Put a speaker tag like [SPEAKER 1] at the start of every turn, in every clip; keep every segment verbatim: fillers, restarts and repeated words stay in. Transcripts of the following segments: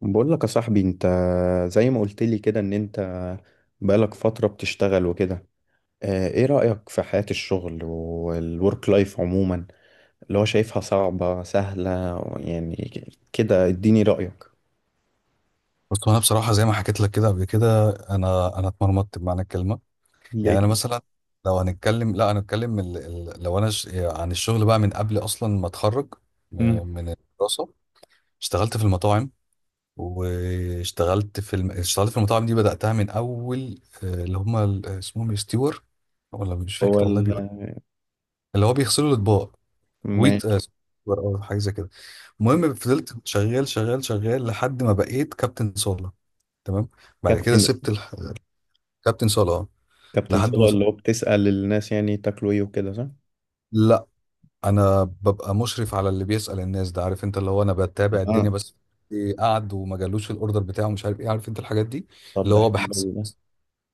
[SPEAKER 1] بقول لك يا صاحبي انت، زي ما قلت لي كده ان انت بقالك فترة بتشتغل وكده، اه، ايه رأيك في حياة الشغل والورك لايف عموما؟ اللي هو شايفها صعبة سهلة يعني، كده اديني رأيك.
[SPEAKER 2] بص، هو انا بصراحه زي ما حكيت لك كده قبل كده انا انا اتمرمطت بمعنى الكلمه.
[SPEAKER 1] ليه
[SPEAKER 2] يعني انا
[SPEAKER 1] كده؟
[SPEAKER 2] مثلا لو هنتكلم لا هنتكلم ال... ال... لو انا ش... عن الشغل بقى من قبل اصلا ما اتخرج م-
[SPEAKER 1] مم.
[SPEAKER 2] من الدراسه. اشتغلت في المطاعم، واشتغلت في الم... اشتغلت في المطاعم دي بداتها من اول، آه، اللي هم ال- اسمهم ستيور، ولا مش
[SPEAKER 1] هو
[SPEAKER 2] فاكر والله.
[SPEAKER 1] ال-
[SPEAKER 2] بيبقى اللي هو بيغسلوا الاطباق، ويت
[SPEAKER 1] ماشي.
[SPEAKER 2] آه، ستيور او حاجه زي كده. المهم فضلت شغال شغال شغال لحد ما بقيت كابتن صاله. تمام. بعد كده
[SPEAKER 1] كابتن
[SPEAKER 2] سبت. كابتن صلاة،
[SPEAKER 1] كابتن
[SPEAKER 2] لحد ما
[SPEAKER 1] صلاح
[SPEAKER 2] وص-
[SPEAKER 1] اللي هو بتسأل الناس يعني تاكلوا ايه وكده، صح؟
[SPEAKER 2] لا، انا ببقى مشرف على اللي بيسأل الناس ده، عارف انت، اللي هو انا بتابع
[SPEAKER 1] اه.
[SPEAKER 2] الدنيا بس. إيه قعد وما جالوش الاوردر بتاعه، مش عارف ايه، عارف انت الحاجات دي.
[SPEAKER 1] طب
[SPEAKER 2] اللي
[SPEAKER 1] ده
[SPEAKER 2] هو
[SPEAKER 1] حلو
[SPEAKER 2] بحس،
[SPEAKER 1] أوي ده.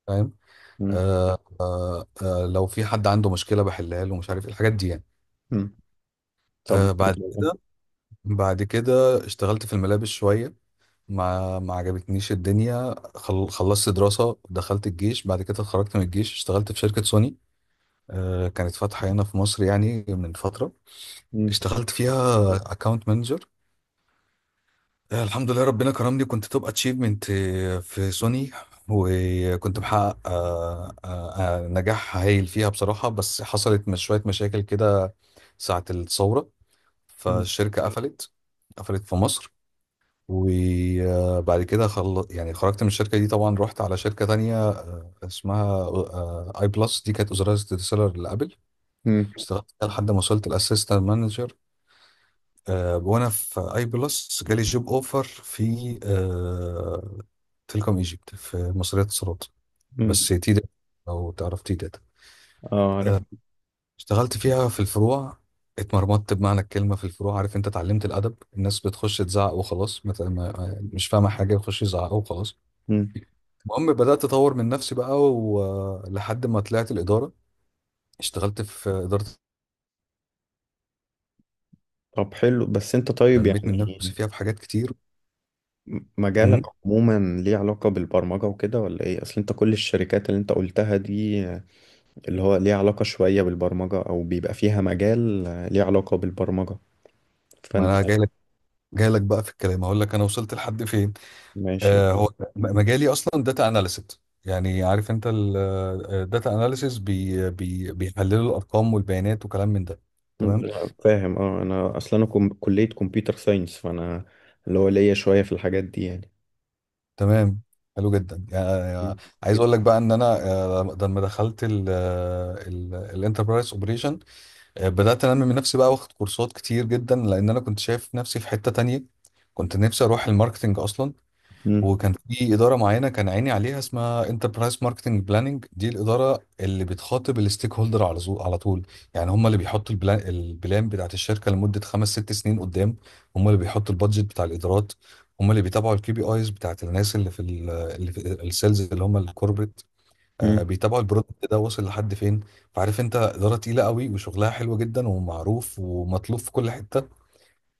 [SPEAKER 2] فاهم.
[SPEAKER 1] مم.
[SPEAKER 2] آه آه آه لو في حد عنده مشكلة بحلها له، مش عارف ايه الحاجات دي يعني.
[SPEAKER 1] مم. طب.
[SPEAKER 2] آه بعد كده، بعد كده اشتغلت في الملابس شوية، ما ما عجبتنيش الدنيا. خل... خلصت دراسة، دخلت الجيش، بعد كده اتخرجت من الجيش، اشتغلت في شركة سوني. آه كانت فاتحة هنا في مصر يعني من فترة.
[SPEAKER 1] مم.
[SPEAKER 2] اشتغلت فيها اكاونت مانجر. الحمد لله ربنا كرمني، كنت توب اتشيفمنت في سوني، وكنت محقق آه، آه، آه، نجاح هايل فيها بصراحة. بس حصلت مش شوية مشاكل كده ساعة الثورة،
[SPEAKER 1] مم.
[SPEAKER 2] فالشركة قفلت، قفلت في مصر. وبعد كده خل... يعني خرجت من الشركة دي. طبعا رحت على شركة تانية آه، اسمها اي بلس، دي كانت وزارة السيلر لابل.
[SPEAKER 1] مم.
[SPEAKER 2] اشتغلت فيها لحد ما وصلت الاسيستنت مانجر. آه، وانا في اي بلس جالي جوب اوفر في آه، تيليكوم ايجيبت، في مصرية اتصالات،
[SPEAKER 1] مم.
[SPEAKER 2] بس تي داتا، لو تعرف تي داتا.
[SPEAKER 1] اه، عارف.
[SPEAKER 2] آه، اشتغلت فيها في الفروع. اتمرمطت بمعنى الكلمة في الفروع، عارف انت، اتعلمت الادب. الناس بتخش تزعق وخلاص، مت- ما- مش فاهمة حاجة، يخش يزعقوا وخلاص. المهم بدأت أطور من نفسي بقى، ولحد ما طلعت الإدارة اشتغلت في إدارة،
[SPEAKER 1] طب حلو، بس انت طيب
[SPEAKER 2] نميت من نفسي
[SPEAKER 1] يعني
[SPEAKER 2] فيها في حاجات كتير.
[SPEAKER 1] مجالك
[SPEAKER 2] مم.
[SPEAKER 1] عموما ليه علاقة بالبرمجة وكده ولا ايه؟ اصل انت كل الشركات اللي انت قلتها دي اللي هو ليه علاقة شوية بالبرمجة او بيبقى فيها مجال ليه علاقة بالبرمجة،
[SPEAKER 2] ما
[SPEAKER 1] فانت.
[SPEAKER 2] أنا جاي لك، جاي لك بقى في الكلام، أقول لك أنا وصلت لحد فين.
[SPEAKER 1] ماشي.
[SPEAKER 2] آه، هو م- مجالي اصلا داتا اناليست. يعني عارف انت الداتا اناليسيس، بي بي بيحللوا الارقام والبيانات وكلام من ده. تمام.
[SPEAKER 1] لا، فاهم. اه، انا اصلا انا كم- كلية كمبيوتر ساينس، فانا اللي هو ليا شوية في الحاجات دي يعني.
[SPEAKER 2] تمام، حلو جدا يعني. عايز اقول لك بقى ان انا آه، لما دخلت الانتربرايز اوبريشن بدات انمي من نفسي بقى، واخد كورسات كتير جدا، لان انا كنت شايف نفسي في حته تانية. كنت نفسي اروح الماركتنج اصلا.
[SPEAKER 1] مم.
[SPEAKER 2] وكان في اداره معينه كان عيني عليها، اسمها انتربرايز ماركتنج بلاننج. دي الاداره اللي بتخاطب الستيك هولدر على زو- على طول. يعني هم اللي بيحطوا البلان، البلان بتاعت الشركه لمده خمس ست سنين قدام. هم اللي بيحطوا البادجت بتاع الادارات. هم اللي بيتابعوا الكي بي ايز بتاعت الناس اللي في ال- اللي في السيلز، اللي هم الكوربريت. آه،
[SPEAKER 1] مم.
[SPEAKER 2] بيتابعوا البرودكت ده واصل لحد فين. فعارف انت اداره تقيله قوي وشغلها حلو جدا ومعروف ومطلوب في كل حته.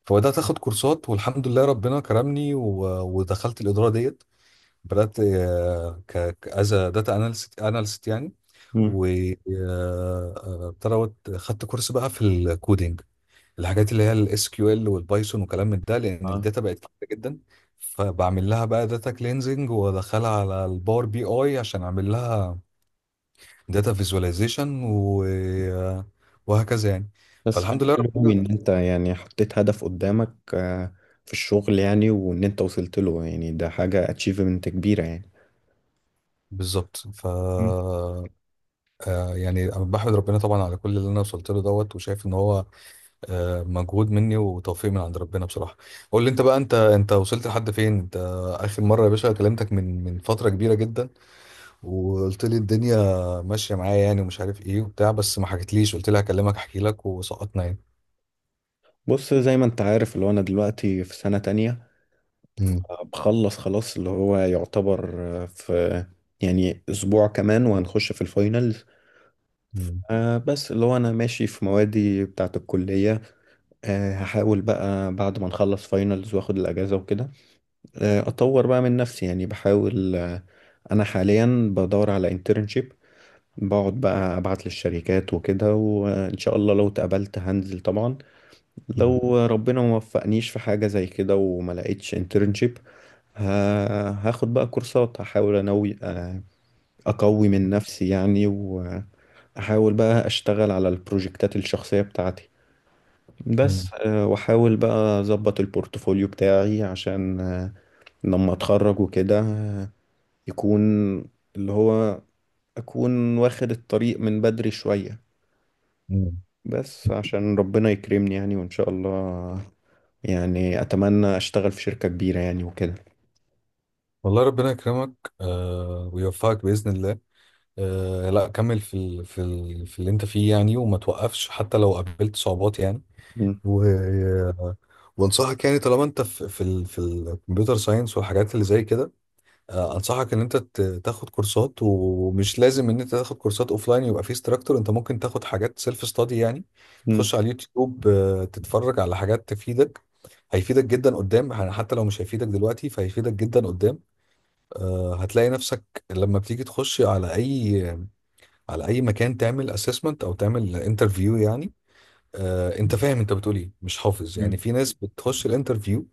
[SPEAKER 2] فبدات اخد كورسات، والحمد لله ربنا كرمني و- ودخلت الاداره ديت. بدأت آه، ك از داتا اناليست، اناليست يعني. وابتدت خدت كورس بقى في الكودينج، الحاجات اللي هي الاس كيو ال والبايثون وكلام من ده، لان
[SPEAKER 1] مم.
[SPEAKER 2] الداتا بقت كتير جدا. فبعمل لها بقى داتا كلينزنج وادخلها على الباور بي اي عشان اعمل لها داتا فيزواليزيشن و... آه، وهكذا يعني.
[SPEAKER 1] بس
[SPEAKER 2] فالحمد
[SPEAKER 1] حاجة
[SPEAKER 2] لله
[SPEAKER 1] حلوة أوي
[SPEAKER 2] ربنا.
[SPEAKER 1] إن أنت يعني حطيت هدف قدامك، آه، في الشغل يعني، وإن أنت وصلت له يعني ده حاجة أتشيفمنت كبيرة يعني.
[SPEAKER 2] بالظبط. ف
[SPEAKER 1] مم.
[SPEAKER 2] آه، يعني أنا بحمد ربنا طبعا على كل اللي انا وصلت له دوت، وشايف ان هو آه، مجهود مني وتوفيق من عند ربنا بصراحة. قول لي انت بقى، انت انت وصلت لحد فين انت؟ اخر مرة يا باشا كلمتك من من فترة كبيرة جدا، وقلت لي الدنيا ماشية معايا يعني، ومش عارف ايه وبتاع، بس ما حكيتليش. قلت لي هكلمك احكي لك، وسقطنا يعني.
[SPEAKER 1] بص، زي ما أنت عارف اللي هو أنا دلوقتي في سنة تانية،
[SPEAKER 2] مم.
[SPEAKER 1] آه، بخلص خلاص اللي هو يعتبر آه، في يعني أسبوع كمان وهنخش في الفاينلز.
[SPEAKER 2] مم.
[SPEAKER 1] آه بس اللي هو أنا ماشي في موادي بتاعة الكلية. آه هحاول بقى بعد ما نخلص فاينلز وآخد الأجازة وكده، آه أطور بقى من نفسي يعني، بحاول آه، أنا حاليا بدور على internship. بقعد بقى ابعت للشركات وكده، وان شاء الله لو اتقبلت هنزل طبعا.
[SPEAKER 2] مم.
[SPEAKER 1] لو ربنا ما وفقنيش في حاجة زي كده وما لقيتش انترنشيب، هاخد بقى كورسات، هحاول انوي آه، اقوي من نفسي يعني، واحاول بقى اشتغل على البروجكتات الشخصية بتاعتي
[SPEAKER 2] مم.
[SPEAKER 1] بس، آه، واحاول بقى اظبط البورتفوليو بتاعي عشان آه، لما اتخرج وكده آه، يكون اللي هو اكون واخد الطريق من بدري شوية،
[SPEAKER 2] مم.
[SPEAKER 1] بس عشان ربنا يكرمني يعني وإن شاء الله. يعني أتمنى أشتغل في شركة كبيرة يعني وكده.
[SPEAKER 2] والله ربنا يكرمك. آه ويوفقك بإذن الله. آه لا، كمل في ال في ال في اللي انت فيه يعني، وما توقفش حتى لو قابلت صعوبات يعني.
[SPEAKER 1] مم.
[SPEAKER 2] و... وانصحك يعني، طالما انت في في ال... في الكمبيوتر ساينس والحاجات اللي زي كده، آه، انصحك ان انت ت- تاخد كورسات. ومش لازم ان انت تاخد كورسات اوفلاين يبقى في استراكتور، انت ممكن تاخد حاجات سيلف ستادي يعني. تخش على اليوتيوب، آه، تتفرج على حاجات تفيدك. هيفيدك جدا قدام يعني، حتى لو مش هيفيدك دلوقتي فهيفيدك جدا قدام. آه، هتلاقي نفسك لما بتيجي تخش على اي على اي مكان تعمل اسسمنت او تعمل انترفيو يعني. آه، انت فاهم انت بتقول ايه، مش حافظ يعني.
[SPEAKER 1] مم.
[SPEAKER 2] في ناس بتخش الانترفيو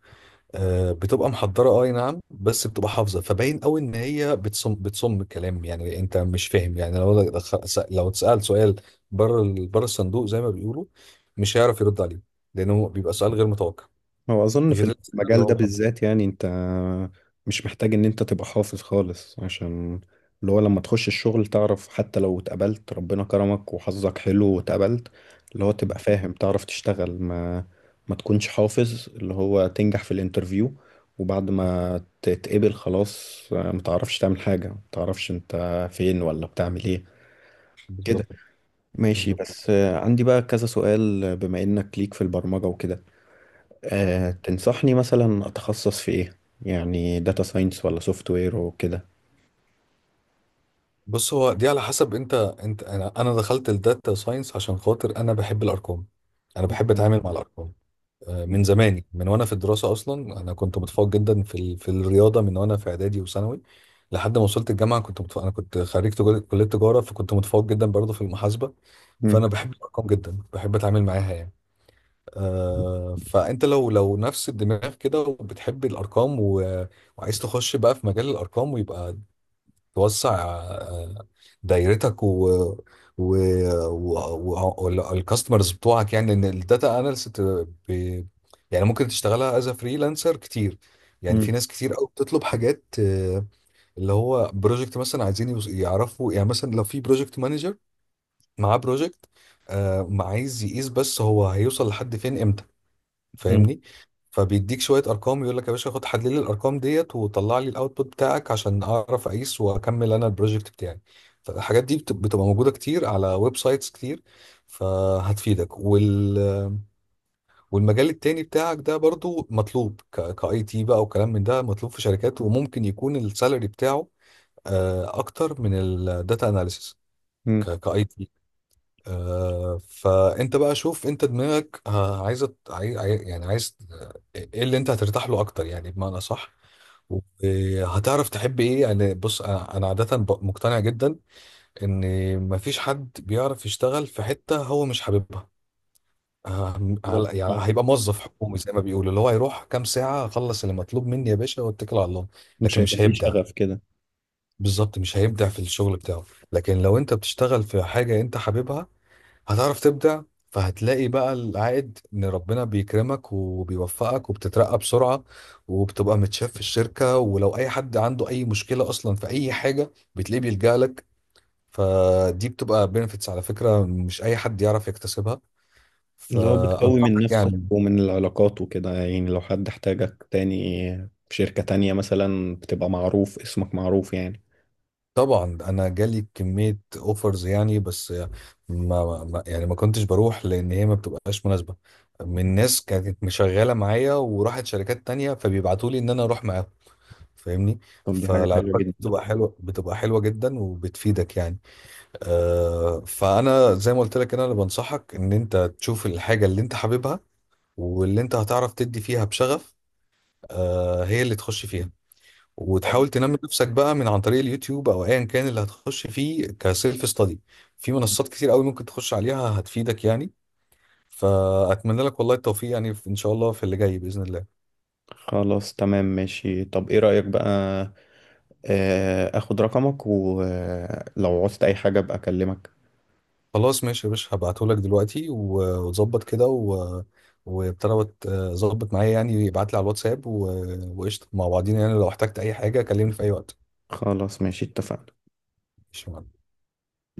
[SPEAKER 2] آه، بتبقى محضره، اه اي نعم، بس بتبقى حافظه. فباين قوي ان هي بتصم بتصم الكلام يعني، انت مش فاهم يعني. لو دخ- س- لو اتسال سؤال بره ال- بره الصندوق زي ما بيقولوا، مش هيعرف يرد عليه، لانه بيبقى سؤال غير متوقع،
[SPEAKER 1] هو أظن
[SPEAKER 2] غير
[SPEAKER 1] في
[SPEAKER 2] الاسئله اللي
[SPEAKER 1] المجال
[SPEAKER 2] هو
[SPEAKER 1] ده
[SPEAKER 2] محضرها.
[SPEAKER 1] بالذات يعني أنت مش محتاج إن أنت تبقى حافظ خالص، عشان اللي هو لما تخش الشغل تعرف، حتى لو اتقبلت ربنا كرمك وحظك حلو واتقبلت اللي هو تبقى
[SPEAKER 2] م،
[SPEAKER 1] فاهم، تعرف تشتغل، ما ما تكونش حافظ اللي هو تنجح في الانترفيو، وبعد ما تتقبل خلاص ما تعرفش تعمل حاجة، ما تعرفش أنت فين ولا بتعمل إيه كده.
[SPEAKER 2] بالظبط.
[SPEAKER 1] ماشي.
[SPEAKER 2] بالظبط.
[SPEAKER 1] بس عندي بقى كذا سؤال بما إنك ليك في البرمجة وكده، أه
[SPEAKER 2] م.
[SPEAKER 1] تنصحني مثلا أتخصص في إيه؟ يعني داتا ساينس ولا سوفت وير وكده؟
[SPEAKER 2] بص، هو دي على حسب انت، انت انا انا دخلت الداتا ساينس عشان خاطر انا بحب الارقام. انا بحب
[SPEAKER 1] مم.
[SPEAKER 2] اتعامل مع الارقام آه، من زماني، من وانا في الدراسه اصلا. انا كنت متفوق جدا في ال... في الرياضه من وانا في اعدادي وثانوي، لحد ما وصلت الجامعه كنت متفوق. انا كنت خريج تجار- كليه تجاره، فكنت متفوق جدا برضه في المحاسبه.
[SPEAKER 1] مم.
[SPEAKER 2] فانا بحب الارقام جدا، بحب اتعامل معاها يعني. آه فانت لو لو نفس الدماغ كده وبتحب الارقام، و... وعايز تخش بقى في مجال الارقام، ويبقى توسع آه، دايرتك و و والكاستمرز بتوعك يعني. ان الداتا اناليست ب... يعني ممكن تشتغلها از فريلانسر كتير، يعني
[SPEAKER 1] مم.
[SPEAKER 2] في ناس كتير قوي بتطلب حاجات آه، اللي هو بروجكت مثلا، عايزين يوز- يعرفوا يعني، مثلا لو في بروجكت مانجر معاه بروجكت ما، عايز يقيس بس هو هيوصل لحد فين،
[SPEAKER 1] مم.
[SPEAKER 2] فاهمني؟ فبيديك شويه ارقام، يقول لك يا باشا خد حلل لي الارقام ديت وطلع لي الاوتبوت بتاعك عشان اعرف اقيس واكمل انا البروجكت بتاعي. فالحاجات دي بت- بتبقى موجوده كتير على ويب سايتس كتير، فهتفيدك. وال والمجال التاني بتاعك ده برضو مطلوب، كاي تي بقى وكلام من ده، مطلوب في شركات وممكن يكون السالري بتاعه آه، اكتر من الداتا اناليسيس،
[SPEAKER 1] مم.
[SPEAKER 2] كاي تي. آه، فانت بقى شوف انت دماغك آه، عايزه، عاي... عاي- يعني عايز آه، ايه اللي انت هترتاح له اكتر يعني، بمعنى صح؟ وهتعرف تحب ايه يعني. بص انا، أنا عاده ب- مقتنع جدا ان مفيش حد بيعرف يشتغل في حته هو مش حاببها. آه،
[SPEAKER 1] بالظبط
[SPEAKER 2] على- يعني
[SPEAKER 1] آه.
[SPEAKER 2] هيبقى موظف حكومي زي ما بيقولوا، اللي هو هيروح كام ساعه، اخلص اللي مطلوب مني يا باشا واتكل على الله.
[SPEAKER 1] مش
[SPEAKER 2] لكن
[SPEAKER 1] هيبقى
[SPEAKER 2] مش
[SPEAKER 1] فيه
[SPEAKER 2] هيبدع.
[SPEAKER 1] شغف كده.
[SPEAKER 2] بالظبط، مش هيبدع في الشغل بتاعه. لكن لو انت بتشتغل في حاجه انت حاببها هتعرف تبدع. فهتلاقي بقى العائد، ان ربنا بيكرمك وبيوفقك وبتترقى بسرعة، وبتبقى متشاف في الشركة، ولو اي حد عنده اي مشكلة اصلا في اي حاجة بتلاقيه بيلجأ لك. فدي بتبقى بنفيتس على فكرة، مش اي حد يعرف يكتسبها.
[SPEAKER 1] اللي هو بتقوي من
[SPEAKER 2] فانصحك
[SPEAKER 1] نفسك
[SPEAKER 2] يعني.
[SPEAKER 1] ومن العلاقات وكده يعني لو حد احتاجك تاني في شركة تانية مثلا بتبقى معروف، اسمك معروف يعني.
[SPEAKER 2] طبعا انا جالي كمية اوفرز يعني، بس ما ما- يعني ما كنتش بروح لان هي ما بتبقاش مناسبة، من
[SPEAKER 1] مم.
[SPEAKER 2] ناس كانت مشغلة معايا وراحت شركات تانية فبيبعتوا لي ان انا اروح معاهم، فاهمني؟
[SPEAKER 1] طب دي حاجة حلوة
[SPEAKER 2] فالعلاقات دي
[SPEAKER 1] جدا.
[SPEAKER 2] بتبقى حلوه بتبقى حلوه جدا وبتفيدك يعني. آه فانا زي ما قلت لك، انا اللي بنصحك ان انت تشوف الحاجه اللي انت حاببها واللي انت هتعرف تدي فيها بشغف، آه هي اللي تخش فيها.
[SPEAKER 1] طب
[SPEAKER 2] وتحاول تنمي نفسك بقى من عن طريق اليوتيوب او ايا كان اللي هتخش فيه كسيلف ستادي. في منصات كتير قوي ممكن تخش عليها هتفيدك يعني. فاتمنى لك والله التوفيق يعني، ان شاء الله في اللي جاي باذن الله.
[SPEAKER 1] خلاص، تمام، ماشي. طب ايه رأيك بقى آه، اخد رقمك، ولو عوزت اي حاجة ابقى اكلمك.
[SPEAKER 2] خلاص ماشي يا باشا، هبعتهولك دلوقتي و- وتظبط كده و... وابتدى، وت- ظبط معايا يعني، يبعت لي على الواتساب و... وقشطة مع بعضينا يعني. لو احتجت أي حاجة كلمني في أي وقت.
[SPEAKER 1] خلاص، ماشي، اتفقنا.
[SPEAKER 2] ماشي يا معلم.